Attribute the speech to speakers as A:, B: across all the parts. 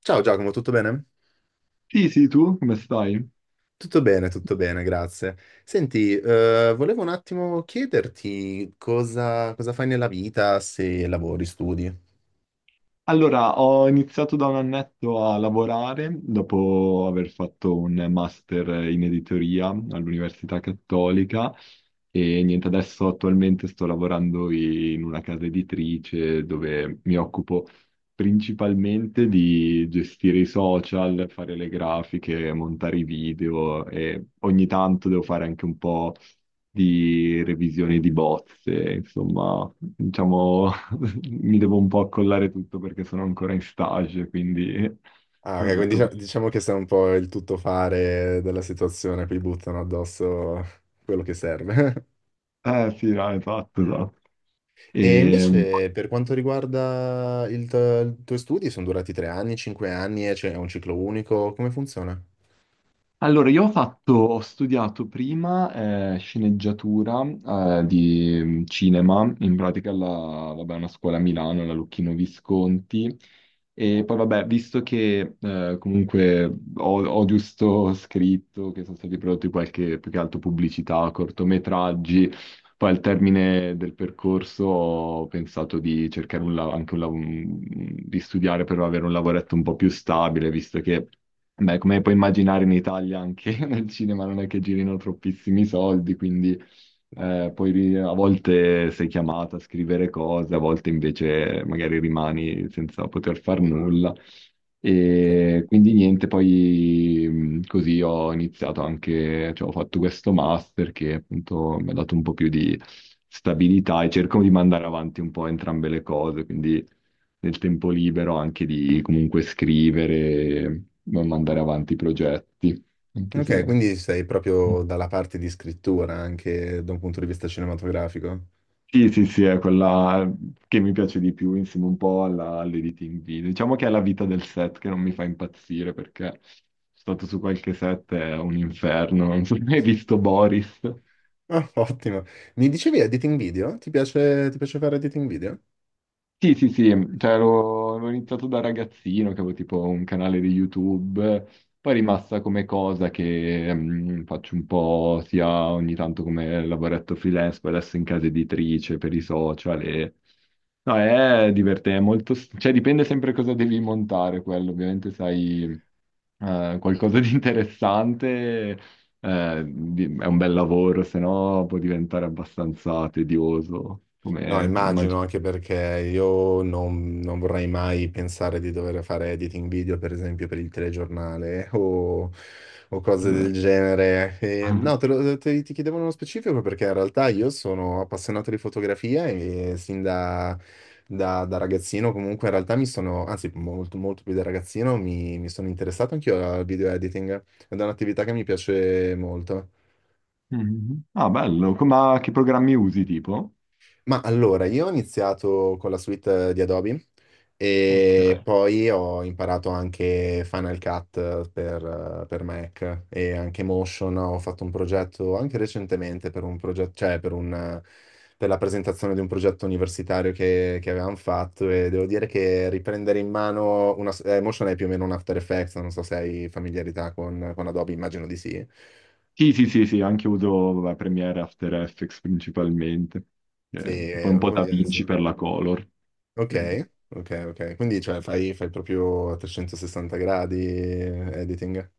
A: Ciao Giacomo, tutto bene?
B: Sì, sì, tu come stai?
A: Tutto bene, tutto bene, grazie. Senti, volevo un attimo chiederti cosa fai nella vita, se lavori, studi.
B: Allora, ho iniziato da un annetto a lavorare dopo aver fatto un master in editoria all'Università Cattolica e niente, adesso attualmente sto lavorando in una casa editrice dove mi occupo principalmente di gestire i social, fare le grafiche, montare i video e ogni tanto devo fare anche un po' di revisioni di bozze, insomma, diciamo mi devo un po' accollare tutto perché sono ancora in stage, quindi
A: Ah, ok,
B: come
A: quindi
B: tutto questo.
A: diciamo che sei un po' il tuttofare della situazione, poi buttano addosso quello che serve.
B: Eh sì, no, esatto, esatto.
A: E
B: E,
A: invece per quanto riguarda i tuoi studi, sono durati 3 anni, 5 anni, e c'è un ciclo unico, come funziona?
B: Allora, io ho studiato prima sceneggiatura di cinema, in pratica vabbè, una scuola a Milano, alla Lucchino Visconti, e poi vabbè, visto che comunque ho giusto scritto che sono stati prodotti qualche, più che altro pubblicità, cortometraggi, poi al termine del percorso ho pensato di cercare un, la- anche un, lav- di studiare per avere un lavoretto un po' più stabile, visto che... Beh, come puoi immaginare in Italia anche nel cinema non è che girino troppissimi soldi, quindi poi a volte sei chiamata a scrivere cose, a volte invece magari rimani senza poter far nulla.
A: Ok.
B: E quindi niente, poi così ho iniziato anche, cioè ho fatto questo master che appunto mi ha dato un po' più di stabilità e cerco di mandare avanti un po' entrambe le cose, quindi nel tempo libero anche di comunque scrivere, ma mandare avanti i progetti, anche
A: Ok,
B: se...
A: quindi sei proprio dalla parte di scrittura anche da un punto di vista cinematografico.
B: Sì, sì, sì, è quella che mi piace di più insieme un po' all'editing video. Diciamo che è la vita del set che non mi fa impazzire perché sono stato su qualche set, è un inferno. Non so se hai visto Boris.
A: Ah, ottimo. Mi dicevi editing video? Ti piace fare editing video?
B: Sì, sì, sì, cioè avevo iniziato da ragazzino, che avevo tipo un canale di YouTube, poi è rimasta come cosa che faccio un po' sia ogni tanto come lavoretto freelance, poi adesso in casa editrice per i social e... No, è divertente, è molto... cioè dipende sempre cosa devi montare quello, ovviamente sai qualcosa di interessante, è un bel lavoro, se no può diventare abbastanza tedioso,
A: No,
B: come
A: immagino
B: immagino.
A: anche perché io non vorrei mai pensare di dover fare editing video, per esempio, per il telegiornale o, cose del genere. E, no, ti chiedevo nello specifico perché in realtà io sono appassionato di fotografia e sin da ragazzino comunque in realtà mi sono, anzi molto, molto più da ragazzino, mi sono interessato anch'io al video editing ed è un'attività che mi piace molto.
B: Mhm. Ah, bello. Ma che programmi usi, tipo?
A: Ma allora, io ho iniziato con la suite di Adobe
B: Ok.
A: e poi ho imparato anche Final Cut per Mac e anche Motion. Ho fatto un progetto anche recentemente per un progetto, cioè per la presentazione di un progetto universitario che avevamo fatto e devo dire che riprendere in mano Motion è più o meno un After Effects, non so se hai familiarità con Adobe, immagino di sì.
B: Sì, sì, sì, sì, anche uso vabbè, Premiere After Effects principalmente.
A: Sì,
B: Poi un po'
A: vuol
B: da
A: dire,
B: Vinci
A: insomma.
B: per la color.
A: Ok,
B: Eh.
A: ok, ok. Quindi cioè, fai proprio a 360 gradi editing?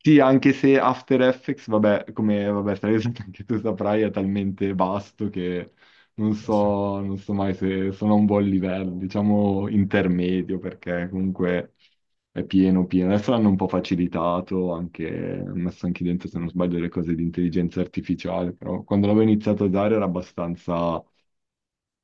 B: Sì, anche se After Effects, vabbè, come vabbè, sai, anche tu saprai, è talmente vasto che non
A: Eh sì.
B: so, non so mai se sono a un buon livello, diciamo intermedio, perché comunque è pieno, pieno. Adesso l'hanno un po' facilitato, anche, hanno messo anche dentro, se non sbaglio, le cose di intelligenza artificiale, però quando l'avevo iniziato a usare era abbastanza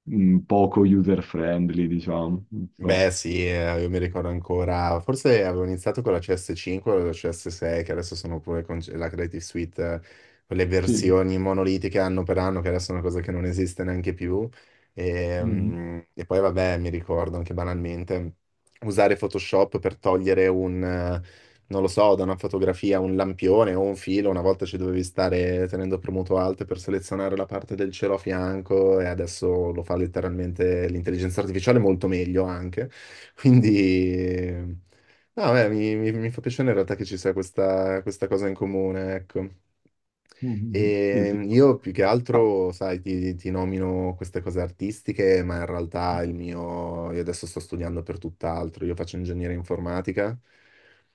B: poco user-friendly, diciamo, non so.
A: Beh sì, io mi ricordo ancora, forse avevo iniziato con la CS5 o la CS6, che adesso sono pure con la Creative Suite, quelle
B: Sì.
A: versioni monolitiche anno per anno, che adesso è una cosa che non esiste neanche più. E,
B: Mhm.
A: mm, e poi vabbè, mi ricordo anche banalmente, usare Photoshop per togliere un, non lo so, da una fotografia, un lampione o un filo, una volta ci dovevi stare tenendo premuto alt per selezionare la parte del cielo a fianco e adesso lo fa letteralmente l'intelligenza artificiale molto meglio anche. Quindi, no, beh, mi fa piacere in realtà che ci sia questa cosa in comune, ecco.
B: Mhm. Sì,
A: E
B: sì.
A: io più che
B: Ah,
A: altro, sai, ti nomino queste cose artistiche, ma in realtà il mio, io adesso sto studiando per tutt'altro, io faccio ingegneria informatica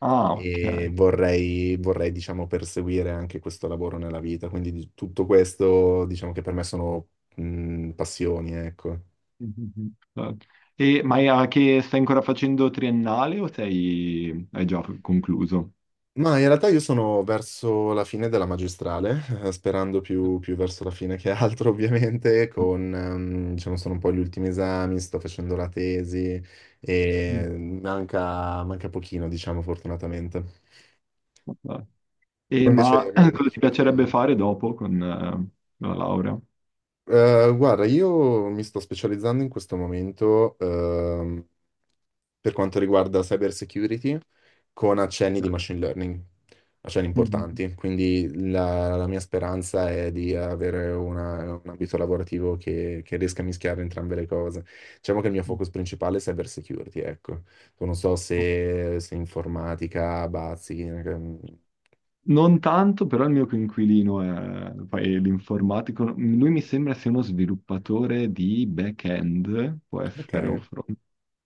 B: ah, ok.
A: e vorrei, diciamo, perseguire anche questo lavoro nella vita, quindi tutto questo, diciamo che per me sono, passioni, ecco.
B: Mhm. Ma è a che stai ancora facendo triennale o sei, hai già concluso?
A: Ma in realtà io sono verso la fine della magistrale, sperando più verso la fine che altro, ovviamente, diciamo, sono un po' gli ultimi esami, sto facendo la tesi
B: Mm.
A: e manca pochino, diciamo, fortunatamente.
B: Eh,
A: Tu
B: E,
A: invece
B: ma
A: mi mi
B: cosa ti
A: dicevi
B: piacerebbe
A: che,
B: fare dopo con la laurea?
A: Guarda, io mi sto specializzando in questo momento per quanto riguarda cyber security con accenni di machine learning, accenni
B: Mhm.
A: importanti. Quindi la mia speranza è di avere un ambito lavorativo che riesca a mischiare entrambe le cose. Diciamo che il mio focus principale è cyber security, ecco. Non so se informatica, bazzi,
B: Non tanto, però il mio coinquilino è l'informatico. Lui mi sembra sia uno sviluppatore di back-end, può essere, o
A: ok.
B: front.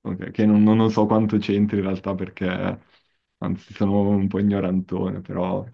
B: Ok, che non so quanto c'entri in realtà perché, anzi, sono un po' ignorantone, però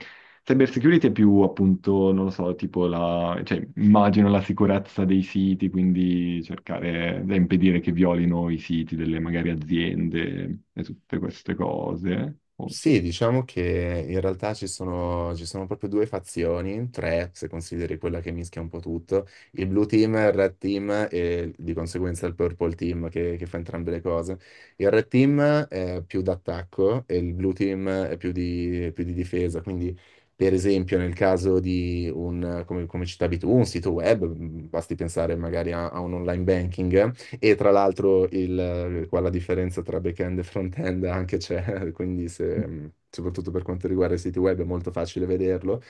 B: cyber security è più appunto, non lo so, tipo la, cioè, immagino la sicurezza dei siti, quindi cercare da impedire che violino i siti delle magari aziende e tutte queste cose.
A: Sì, diciamo che in realtà ci sono proprio due fazioni, tre se consideri quella che mischia un po' tutto, il blue team, il red team e di conseguenza il purple team che fa entrambe le cose. Il red team è più d'attacco e il blue team è più più di difesa, quindi per esempio nel caso di un, come citavi tu, un sito web, basti pensare magari a un online banking. E tra l'altro qua la differenza tra back-end e front-end anche c'è, quindi soprattutto per quanto riguarda i siti web è molto facile vederlo.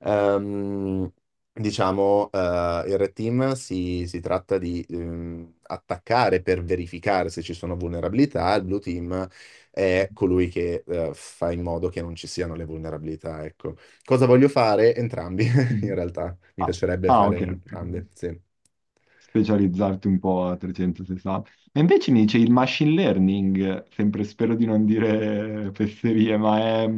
A: Ehm, diciamo, il Red Team si tratta di attaccare per verificare se ci sono vulnerabilità, il Blue Team è colui che fa in modo che non ci siano le vulnerabilità, ecco. Cosa voglio fare? Entrambi, in realtà. Mi
B: Ah,
A: piacerebbe
B: ah,
A: fare
B: ok.
A: entrambe, sì.
B: Specializzarti un po' a 360. E invece mi dice il machine learning, sempre spero di non dire fesserie, ma è,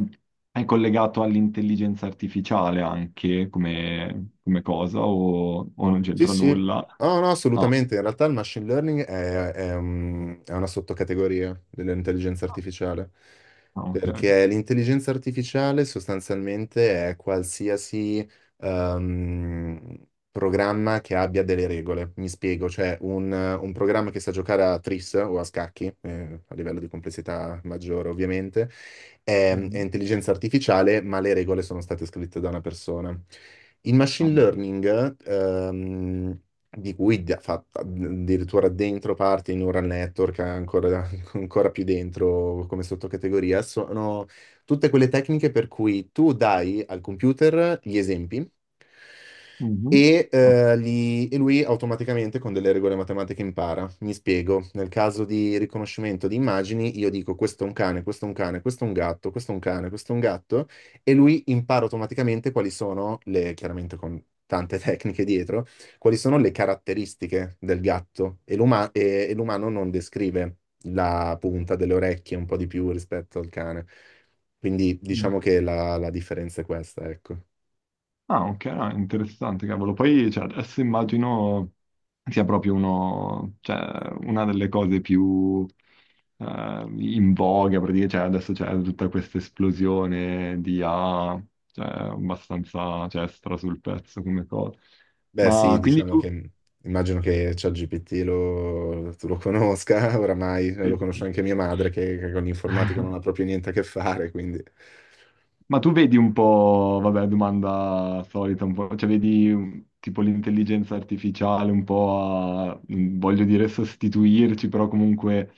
B: è collegato all'intelligenza artificiale anche come cosa o non
A: Sì,
B: c'entra
A: sì,
B: nulla?
A: no, no,
B: Ah,
A: assolutamente. In realtà il machine learning è una sottocategoria dell'intelligenza artificiale,
B: ah, ok. Ok.
A: perché l'intelligenza artificiale sostanzialmente è qualsiasi ehm, programma che abbia delle regole. Mi spiego, cioè un programma che sa giocare a tris o a scacchi, a livello di complessità maggiore ovviamente, è
B: Mhm.
A: intelligenza artificiale, ma le regole sono state scritte da una persona. Il machine
B: Ah,
A: learning, di cui fa addirittura dentro parte i neural network, ancora, ancora più dentro come sottocategoria, sono tutte quelle tecniche per cui tu dai al computer gli esempi
B: mhm.
A: e,
B: Ah,
A: eh, li- e lui automaticamente con delle regole matematiche impara. Mi spiego, nel caso di riconoscimento di immagini, io dico questo è un cane, questo è un cane, questo è un gatto, questo è un cane, questo è un gatto, e lui impara automaticamente quali sono chiaramente con tante tecniche dietro, quali sono le caratteristiche del gatto. E l'umano non descrive la punta delle orecchie un po' di più rispetto al cane. Quindi
B: mhm.
A: diciamo che la differenza è questa, ecco.
B: Ah, ok, ah, interessante, cavolo. Poi, cioè, adesso immagino sia proprio uno, cioè, una delle cose più in voga, praticamente, cioè, adesso c'è tutta questa esplosione di AI, cioè, abbastanza, cioè, stra sul pezzo come cosa.
A: Beh, sì,
B: Ma quindi
A: diciamo
B: tu...
A: che immagino che ChatGPT tu lo conosca oramai, lo
B: sì, sì.
A: conosce anche mia madre che con l'informatica non ha proprio niente a che fare, quindi...
B: Ma tu vedi un po', vabbè, domanda solita, un po', cioè vedi tipo l'intelligenza artificiale un po' a, voglio dire, sostituirci, però comunque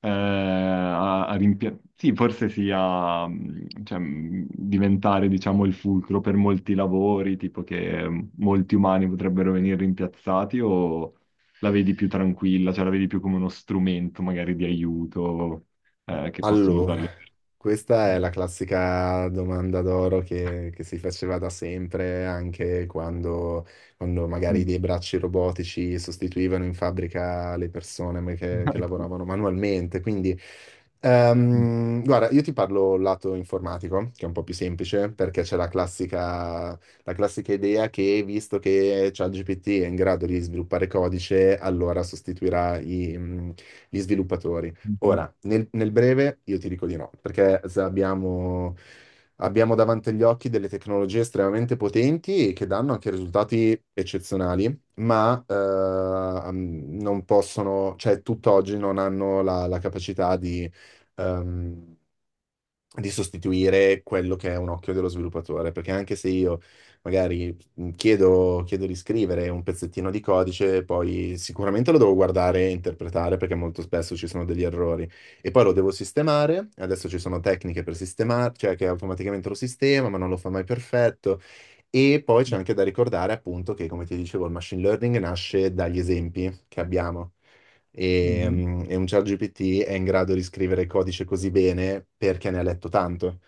B: Sì, forse sì, a cioè, diventare, diciamo, il fulcro per molti lavori, tipo che molti umani potrebbero venire rimpiazzati o la vedi più tranquilla, cioè la vedi più come uno strumento magari di aiuto che possono
A: Allora,
B: usare le
A: questa è
B: persone?
A: la classica domanda d'oro che si faceva da sempre, anche quando magari dei bracci robotici sostituivano in fabbrica le persone che
B: Mhm,
A: lavoravano manualmente. Quindi, guarda, io ti parlo lato informatico, che è un po' più semplice, perché c'è la classica idea che, visto che ChatGPT è in grado di sviluppare codice, allora sostituirà gli sviluppatori.
B: mhm.
A: Ora, nel breve io ti dico di no, perché abbiamo davanti agli occhi delle tecnologie estremamente potenti e che danno anche risultati eccezionali, ma non possono, cioè tutt'oggi non hanno la capacità ehm, di sostituire quello che è un occhio dello sviluppatore, perché anche se io magari chiedo di scrivere un pezzettino di codice, poi sicuramente lo devo guardare e interpretare perché molto spesso ci sono degli errori e poi lo devo sistemare, adesso ci sono tecniche per sistemare, cioè che automaticamente lo sistema, ma non lo fa mai perfetto. E poi c'è anche da ricordare appunto che, come ti dicevo, il machine learning nasce dagli esempi che abbiamo e,
B: Mhm.
A: mm, e un ChatGPT è in grado di scrivere codice così bene perché ne ha letto tanto,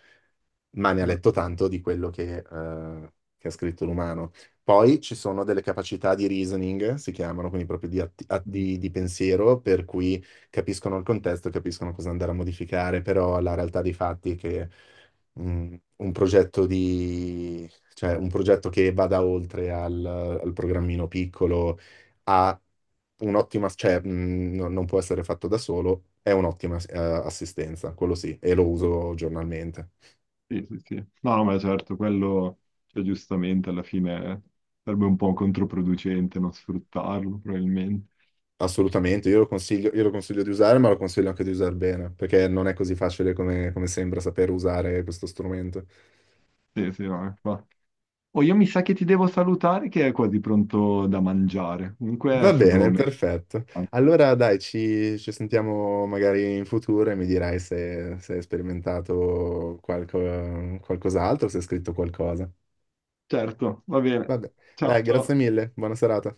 A: ma ne ha
B: Eh,
A: letto tanto di quello che ha scritto l'umano. Poi ci sono delle capacità di reasoning, si chiamano, quindi proprio di, atti- a- di pensiero, per cui capiscono il contesto, capiscono cosa andare a modificare, però la realtà dei fatti è che un progetto di, cioè un progetto che vada oltre al programmino piccolo ha un'ottima, cioè non può essere fatto da solo, è un'ottima assistenza, quello sì, e lo uso giornalmente.
B: Sì, sì, sì. No, no, ma certo, quello, cioè, giustamente alla fine sarebbe un po' controproducente non sfruttarlo, probabilmente.
A: Assolutamente, io lo consiglio di usare, ma lo consiglio anche di usare bene, perché non è così facile come sembra saper usare questo strumento.
B: Sì, sì, no, infatti. Oh, io mi sa che ti devo salutare che è quasi pronto da mangiare. Comunque è
A: Va
B: stato
A: bene,
B: me.
A: perfetto. Allora dai, ci sentiamo magari in futuro e mi dirai se hai sperimentato qualcos'altro, se hai scritto qualcosa.
B: Certo, va bene.
A: Vabbè,
B: Ciao,
A: dai, grazie
B: ciao.
A: mille, buona serata.